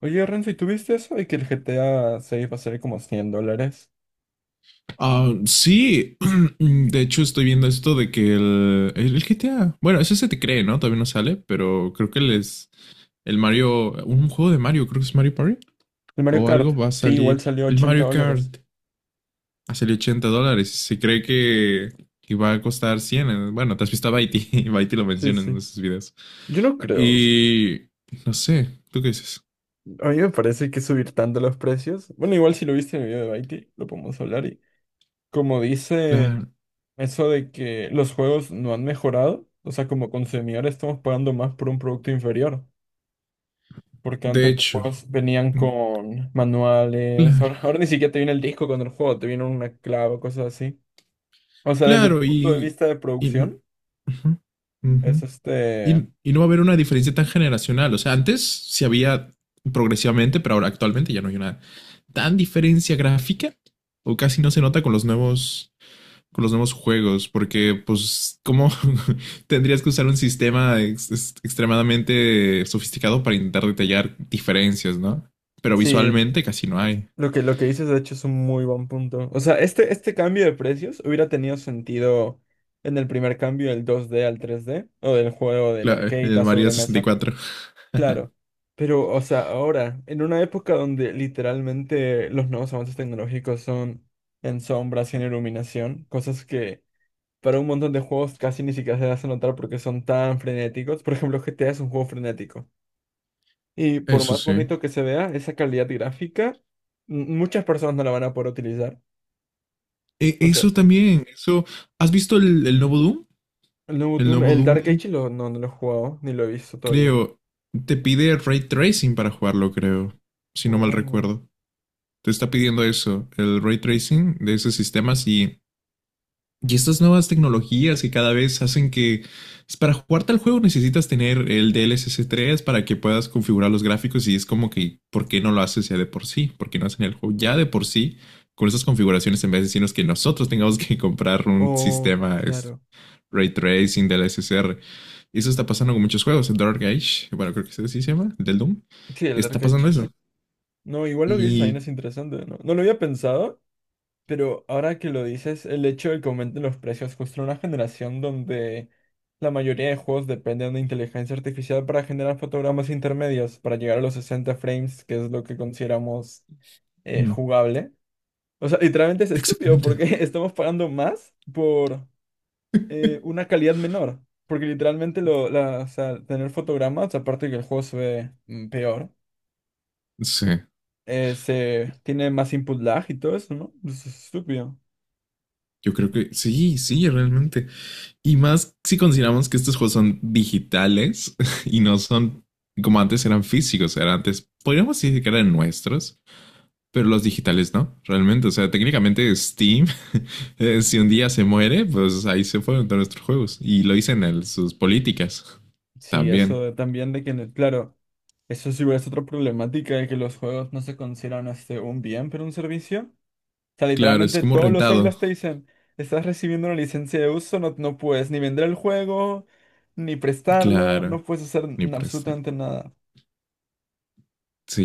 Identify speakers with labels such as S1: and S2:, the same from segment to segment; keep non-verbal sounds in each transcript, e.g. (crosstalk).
S1: Oye, Renzo, ¿y tú viste eso de que el GTA 6 va a salir como $100?
S2: Ah, sí, (clears throat) de hecho estoy viendo esto de que el GTA, bueno, eso se te cree, ¿no? Todavía no sale, pero creo que les, el Mario, un juego de Mario, creo que es Mario Party
S1: El Mario
S2: o
S1: Kart,
S2: algo va a
S1: sí, igual
S2: salir,
S1: salió
S2: el
S1: 80
S2: Mario
S1: dólares.
S2: Kart a salir $80, y se cree que va a costar 100. Bueno, te has visto a Baiti, (laughs) y Baiti lo
S1: Sí,
S2: menciona
S1: sí.
S2: en sus videos.
S1: Yo no creo. O sea,
S2: Y no sé, ¿tú qué dices?
S1: a mí me parece que subir tanto los precios. Bueno, igual si lo viste en el video de Baiti, lo podemos hablar. Y como dice
S2: Claro,
S1: eso de que los juegos no han mejorado, o sea, como consumidores estamos pagando más por un producto inferior. Porque
S2: de
S1: antes los
S2: hecho.
S1: juegos venían
S2: mm,
S1: con manuales.
S2: claro,
S1: Ahora ni siquiera te viene el disco con el juego, te viene una clave, o cosas así. O sea, desde el
S2: claro,
S1: punto de vista de
S2: uh
S1: producción.
S2: -huh, uh
S1: Es
S2: -huh.
S1: este.
S2: Y no va a haber una diferencia tan generacional. O sea, antes sí había progresivamente, pero ahora actualmente ya no hay una tan diferencia gráfica, o casi no se nota con los nuevos juegos, porque pues cómo (laughs) tendrías que usar un sistema extremadamente sofisticado para intentar detallar diferencias, ¿no? Pero
S1: Sí,
S2: visualmente casi no hay.
S1: lo que dices de hecho es un muy buen punto. O sea, este cambio de precios hubiera tenido sentido en el primer cambio del dos d al tres d o del juego del
S2: Claro,
S1: arcade
S2: el
S1: a
S2: Mario sesenta y
S1: sobremesa.
S2: cuatro
S1: Claro. Pero, o sea, ahora, en una época donde literalmente los nuevos avances tecnológicos son en sombras y en iluminación, cosas que para un montón de juegos casi ni siquiera se hacen notar porque son tan frenéticos. Por ejemplo, GTA es un juego frenético. Y por
S2: Eso
S1: más
S2: sí.
S1: bonito que se vea, esa calidad gráfica, muchas personas no la van a poder utilizar.
S2: E,
S1: O sea,
S2: eso también, eso ¿Has visto el nuevo Doom?
S1: el nuevo
S2: El
S1: Doom,
S2: nuevo
S1: el Dark
S2: Doom,
S1: Age lo, no, no lo he jugado, ni lo he visto todavía.
S2: creo, te pide ray tracing para jugarlo, creo, si no mal
S1: Oh,
S2: recuerdo. Te está pidiendo eso, el ray tracing de esos sistemas, y estas nuevas tecnologías que cada vez hacen que, pues, para jugar tal juego necesitas tener el DLSS 3 para que puedas configurar los gráficos, y es como que, ¿por qué no lo haces ya de por sí? ¿Por qué no hacen el juego ya de por sí con esas configuraciones en vez de decirnos que nosotros tengamos que (laughs) comprar un
S1: oh,
S2: sistema es,
S1: claro.
S2: ray tracing del r y eso está pasando con muchos juegos. El Dark Age, bueno, creo que ese sí se llama, del Doom.
S1: Sí, el
S2: Está
S1: Dark
S2: pasando
S1: Age
S2: eso.
S1: es- no, igual lo que dices también
S2: Y.
S1: es interesante, ¿no? No lo había pensado, pero ahora que lo dices, el hecho de que aumenten los precios justo en una generación donde la mayoría de juegos dependen de inteligencia artificial para generar fotogramas intermedios, para llegar a los 60 frames, que es lo que consideramos
S2: mm,
S1: jugable. O sea, literalmente es estúpido
S2: Exactamente.
S1: porque (laughs) estamos pagando más por una calidad menor. Porque literalmente lo, la, o sea, tener fotogramas, aparte que el juego se ve peor,
S2: Sí.
S1: se tiene más input lag y todo eso, ¿no? Eso es estúpido.
S2: Yo creo que sí, sí, realmente. Y más si consideramos que estos juegos son digitales, (laughs) y no son como antes. Eran físicos, eran antes, podríamos decir que eran nuestros, pero los digitales no, realmente. O sea, técnicamente Steam, (laughs) si un día se muere, pues ahí se fueron todos nuestros juegos. Y lo dicen en sus políticas
S1: Sí,
S2: también.
S1: también de que, claro, eso sí es igual es otra problemática de que los juegos no se consideran este, un bien, pero un servicio. Sea,
S2: Claro, es
S1: literalmente
S2: como
S1: todos los
S2: rentado.
S1: Eulast te dicen, estás recibiendo una licencia de uso, no, no puedes ni vender el juego, ni prestarlo,
S2: Claro,
S1: no puedes hacer
S2: ni prestar.
S1: absolutamente nada.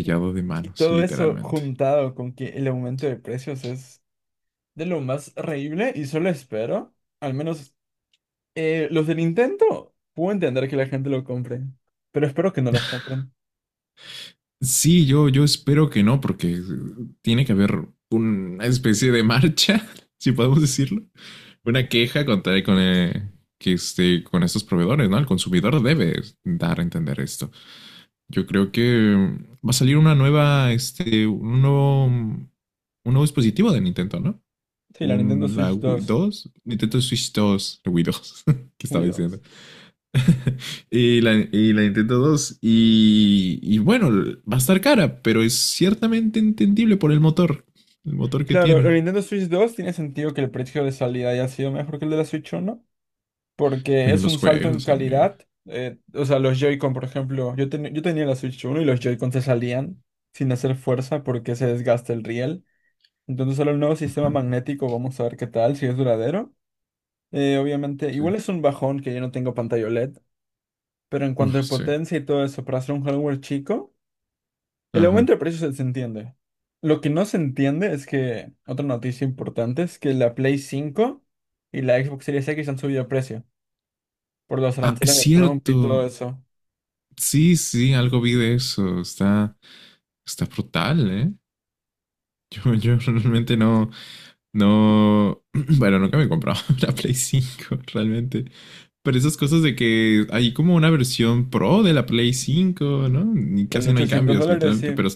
S1: Y,
S2: de
S1: y
S2: manos,
S1: todo eso
S2: literalmente.
S1: juntado con que el aumento de precios es de lo más reíble y solo espero, al menos los de Nintendo, puedo entender que la gente lo compre, pero espero que no los compren.
S2: Sí, yo espero que no, porque tiene que haber una especie de marcha, (laughs) si podemos decirlo. Una queja contra con estos proveedores, ¿no? El consumidor debe dar a entender esto. Yo creo que va a salir una nueva, este, un nuevo, mm, un nuevo dispositivo de Nintendo, ¿no?
S1: Sí, la Nintendo
S2: Un, la
S1: Switch
S2: Wii
S1: dos
S2: 2 Nintendo Switch 2, la Wii 2, (laughs) que
S1: uy,
S2: estaba diciendo.
S1: 2.
S2: (laughs) Y la Nintendo 2. Y bueno, va a estar cara, pero es ciertamente entendible por el motor. El motor que
S1: Claro, la
S2: tiene.
S1: Nintendo Switch 2 tiene sentido que el precio de salida haya sido mejor que el de la Switch 1, porque
S2: Pero
S1: es
S2: los
S1: un salto en
S2: juegos, amigo.
S1: calidad. O sea, los Joy-Con, por ejemplo, yo tenía la Switch 1 y los Joy-Con se salían sin hacer fuerza porque se desgasta el riel. Entonces, ahora el nuevo sistema
S2: Ajá,
S1: magnético, vamos a ver qué tal, si es duradero. Obviamente, igual
S2: sí.
S1: es un bajón que yo no tengo pantalla OLED, pero en cuanto
S2: Oh,
S1: a
S2: sí.
S1: potencia y todo eso, para hacer un hardware chico, el aumento
S2: Ajá.
S1: de precios se entiende. Lo que no se entiende es que, otra noticia importante es que la Play cinco y la Xbox Series X han subido de precio por los
S2: Ah, es
S1: aranceles de Trump y todo
S2: cierto.
S1: eso.
S2: Sí, sí, algo vi de eso. Está, está brutal, ¿eh? Yo, (laughs) yo realmente no, no, (clears throat) bueno, nunca me he comprado (laughs) una Play 5 realmente. Pero esas cosas de que hay como una versión pro de la Play 5, ¿no? Y
S1: Sale
S2: casi no hay
S1: 800
S2: cambios,
S1: dólares,
S2: literalmente,
S1: sí.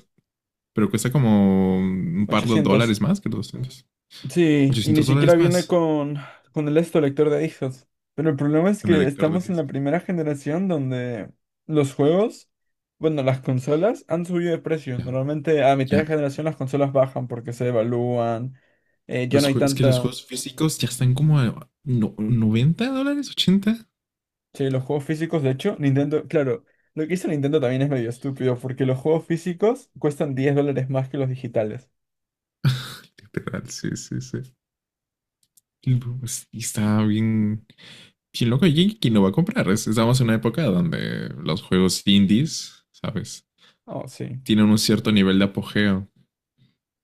S2: pero cuesta como un par de
S1: 800.
S2: dólares más que los 200.
S1: Sí, y ni
S2: $800
S1: siquiera viene
S2: más
S1: con el esto lector de discos. Pero el problema es
S2: con el
S1: que
S2: lector
S1: estamos
S2: de
S1: en la
S2: disco.
S1: primera generación donde los juegos, bueno, las consolas han subido de precio.
S2: Ya,
S1: Normalmente a mitad
S2: ya.
S1: de generación las consolas bajan porque se devalúan. Ya
S2: Los
S1: no hay
S2: juegos, es que los
S1: tanta.
S2: juegos físicos ya están como a $90, ochenta.
S1: Sí, los juegos físicos, de hecho, Nintendo, claro, lo que hizo Nintendo también es medio estúpido porque los juegos físicos cuestan $10 más que los digitales.
S2: Literal, sí, sí, sí. Y está bien, bien loco. ¿Y quién lo va a comprar? Estamos en una época donde los juegos indies, ¿sabes?
S1: Oh, sí.
S2: Tienen un cierto nivel de apogeo.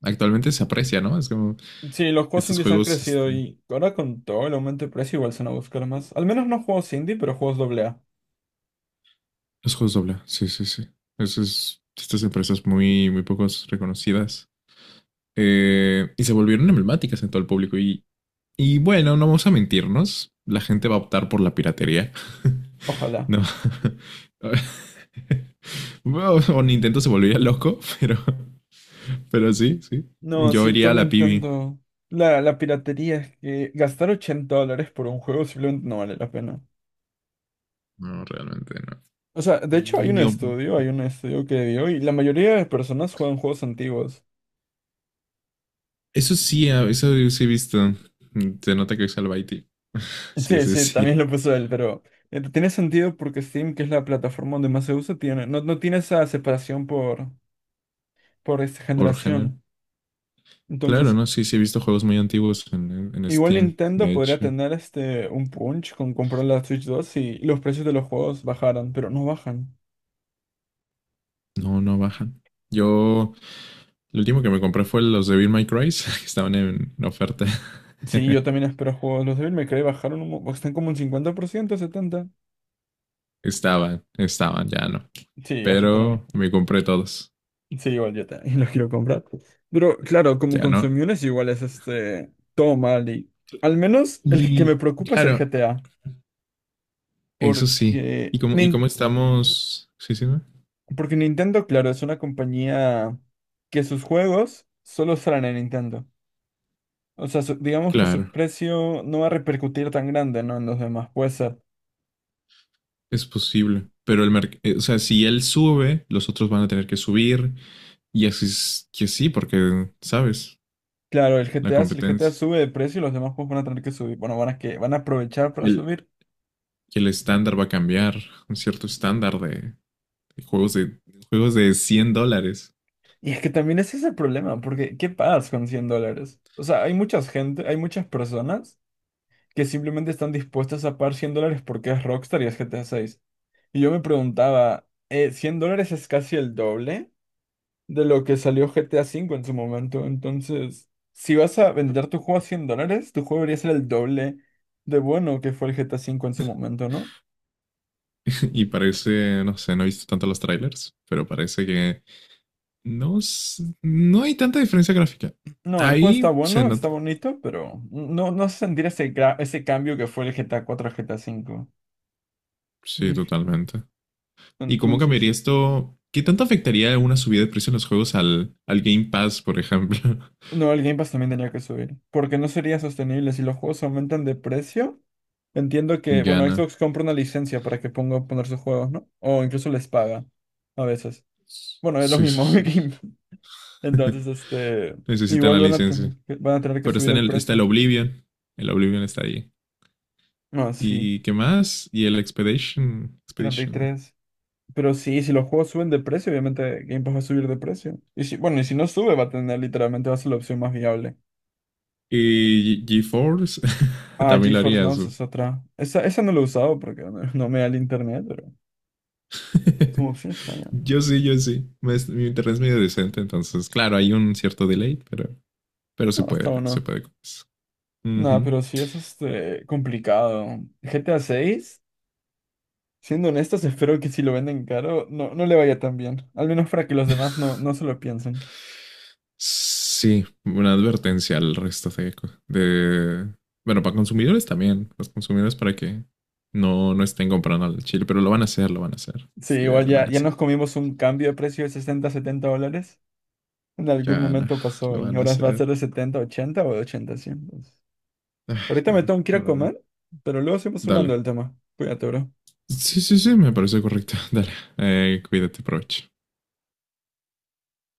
S2: Actualmente se aprecia, ¿no? Es como
S1: Sí, los juegos
S2: estos
S1: indies han
S2: juegos,
S1: crecido
S2: este,
S1: y ahora con todo el aumento de precio igual se van a buscar más. Al menos no juegos indie, pero juegos doble A.
S2: los juegos doble, sí, sí, sí. Eso es. Estas empresas muy, muy pocos reconocidas. Y se volvieron emblemáticas en todo el público. Y bueno, no vamos a mentirnos, la gente va a optar por la piratería. (laughs)
S1: Ojalá.
S2: No. (laughs) Bueno, o Nintendo se volvería loco, (laughs) pero sí, sí.
S1: No,
S2: Yo
S1: sí,
S2: iría a
S1: con
S2: la pibi.
S1: Nintendo. La piratería es que gastar $80 por un juego simplemente no vale la pena.
S2: No, realmente no.
S1: O sea, de hecho hay un
S2: Yo-
S1: estudio, hay un estudio que dio y la mayoría de personas juegan juegos antiguos.
S2: Eso sí, ah, eso sí he visto. Se nota que es al Baiti. Sí,
S1: Sí,
S2: sí,
S1: sí, también
S2: sí.
S1: lo puso él, pero tiene sentido porque Steam, que es la plataforma donde más se usa, tiene, no, no tiene esa separación por esta
S2: Por género.
S1: generación.
S2: Claro,
S1: Entonces,
S2: no, sí, sí he visto juegos muy antiguos en
S1: igual
S2: Steam,
S1: Nintendo
S2: de
S1: podría
S2: hecho.
S1: tener este un punch con comprar la Switch 2 si los precios de los juegos bajaran, pero no bajan.
S2: No, no bajan. Yo, lo último que me compré fue los de Bill My Cry, (laughs) que estaban en oferta. (laughs)
S1: Sí, yo también espero juegos. Los Devil May Cry bajaron están como un 50%, 70%.
S2: Estaban, estaban, ya no.
S1: Sí, agitaron
S2: Pero
S1: precios.
S2: me compré todos,
S1: Sí, igual yo también (laughs) los quiero comprar. Pero claro, como
S2: ya no.
S1: consumidores igual es este todo mal y al menos el que me
S2: Y
S1: preocupa es el
S2: claro,
S1: GTA,
S2: eso sí.
S1: porque
S2: Y cómo
S1: Nin-
S2: estamos? Sí, sí, ¿no?
S1: porque Nintendo, claro, es una compañía que sus juegos solo salen en Nintendo. O sea, digamos que su
S2: Claro,
S1: precio no va a repercutir tan grande, ¿no? En los demás. Puede ser.
S2: es posible. Pero o sea, si él sube, los otros van a tener que subir. Y así es que sí, porque, ¿sabes?
S1: Claro, el
S2: La
S1: GTA, si el GTA
S2: competencia.
S1: sube de precio, los demás juegos van a tener que subir. Bueno, van a aprovechar para
S2: El,
S1: subir.
S2: que el estándar va a cambiar, un cierto estándar de juegos de juegos de $100.
S1: Y es que también ese es el problema, porque ¿qué pagas con $100? O sea, hay mucha gente, hay muchas personas que simplemente están dispuestas a pagar $100 porque es Rockstar y es GTA 6. Y yo me preguntaba, ¿$100 es casi el doble de lo que salió GTA V en su momento? Entonces, si vas a vender tu juego a $100, tu juego debería ser el doble de bueno que fue el GTA V en su momento, ¿no?
S2: (laughs) Y parece, no sé, no he visto tanto los trailers, pero parece que no, no hay tanta diferencia gráfica.
S1: No, el juego está
S2: Ahí se
S1: bueno, está
S2: nota.
S1: bonito, pero no, no se sentir ese, ese cambio que fue el GTA 4 a GTA V.
S2: Sí,
S1: Difí-.
S2: totalmente. ¿Y cómo
S1: Entonces,
S2: cambiaría esto? ¿Qué tanto afectaría una subida de precio en los juegos al, al Game Pass, por ejemplo?
S1: no, el Game Pass también tenía que subir, porque no sería sostenible si los juegos aumentan de precio. Entiendo que,
S2: (laughs)
S1: bueno,
S2: Gana.
S1: Xbox compra una licencia para que ponga poner sus juegos, ¿no? O incluso les paga a veces. Bueno, es lo
S2: Sí, sí,
S1: mismo. (laughs)
S2: sí.
S1: Game-. Entonces,
S2: (laughs)
S1: este,
S2: Necesitan
S1: igual
S2: la
S1: van a,
S2: licencia.
S1: van a tener que
S2: Pero está
S1: subir
S2: en
S1: el
S2: el, está el
S1: precio.
S2: Oblivion. El Oblivion está ahí.
S1: Ah, sí,
S2: ¿Y qué más? Y el Expedition.
S1: treinta y
S2: Expedition.
S1: tres Pero sí, si los juegos suben de precio, obviamente Game Pass va a subir de precio. Y si, bueno, y si no sube, va a tener literalmente, va a ser la opción más viable.
S2: GeForce. (laughs)
S1: Ah,
S2: También lo
S1: GeForce
S2: haría
S1: Now esa
S2: su.
S1: es otra. Esa no la he usado porque no, (laughs) no me da el internet, pero como
S2: (laughs)
S1: opción está bien.
S2: Yo sí, yo sí. Mi internet es medio decente, entonces, claro, hay un cierto delay, pero
S1: No, está
S2: se
S1: bueno.
S2: puede con eso.
S1: Nada,
S2: Ujú.
S1: pero sí es este complicado. GTA 6, siendo honestos, espero que si lo venden caro, no, no le vaya tan bien. Al menos para que los demás no, no se lo piensen.
S2: Sí, una advertencia al resto de, de- bueno, para consumidores también. Los consumidores para que no, no estén comprando al chile, pero lo van a hacer, lo van a hacer.
S1: Sí,
S2: Sí,
S1: igual
S2: lo
S1: ya,
S2: van a
S1: ya
S2: hacer.
S1: nos comimos un cambio de precio de 60 70 dólares. En algún
S2: Ya, no,
S1: momento
S2: (laughs)
S1: pasó
S2: lo
S1: y
S2: van a
S1: ahora va a ser
S2: hacer.
S1: de 70 80 o de 80, 100.
S2: Ay,
S1: Ahorita
S2: no,
S1: me
S2: no,
S1: tengo que ir
S2: no,
S1: a
S2: no.
S1: comer, pero luego seguimos hablando
S2: Dale.
S1: del tema. Cuídate, bro.
S2: Sí, sí, sí, me parece correcto. (laughs) Dale. Cuídate, provecho.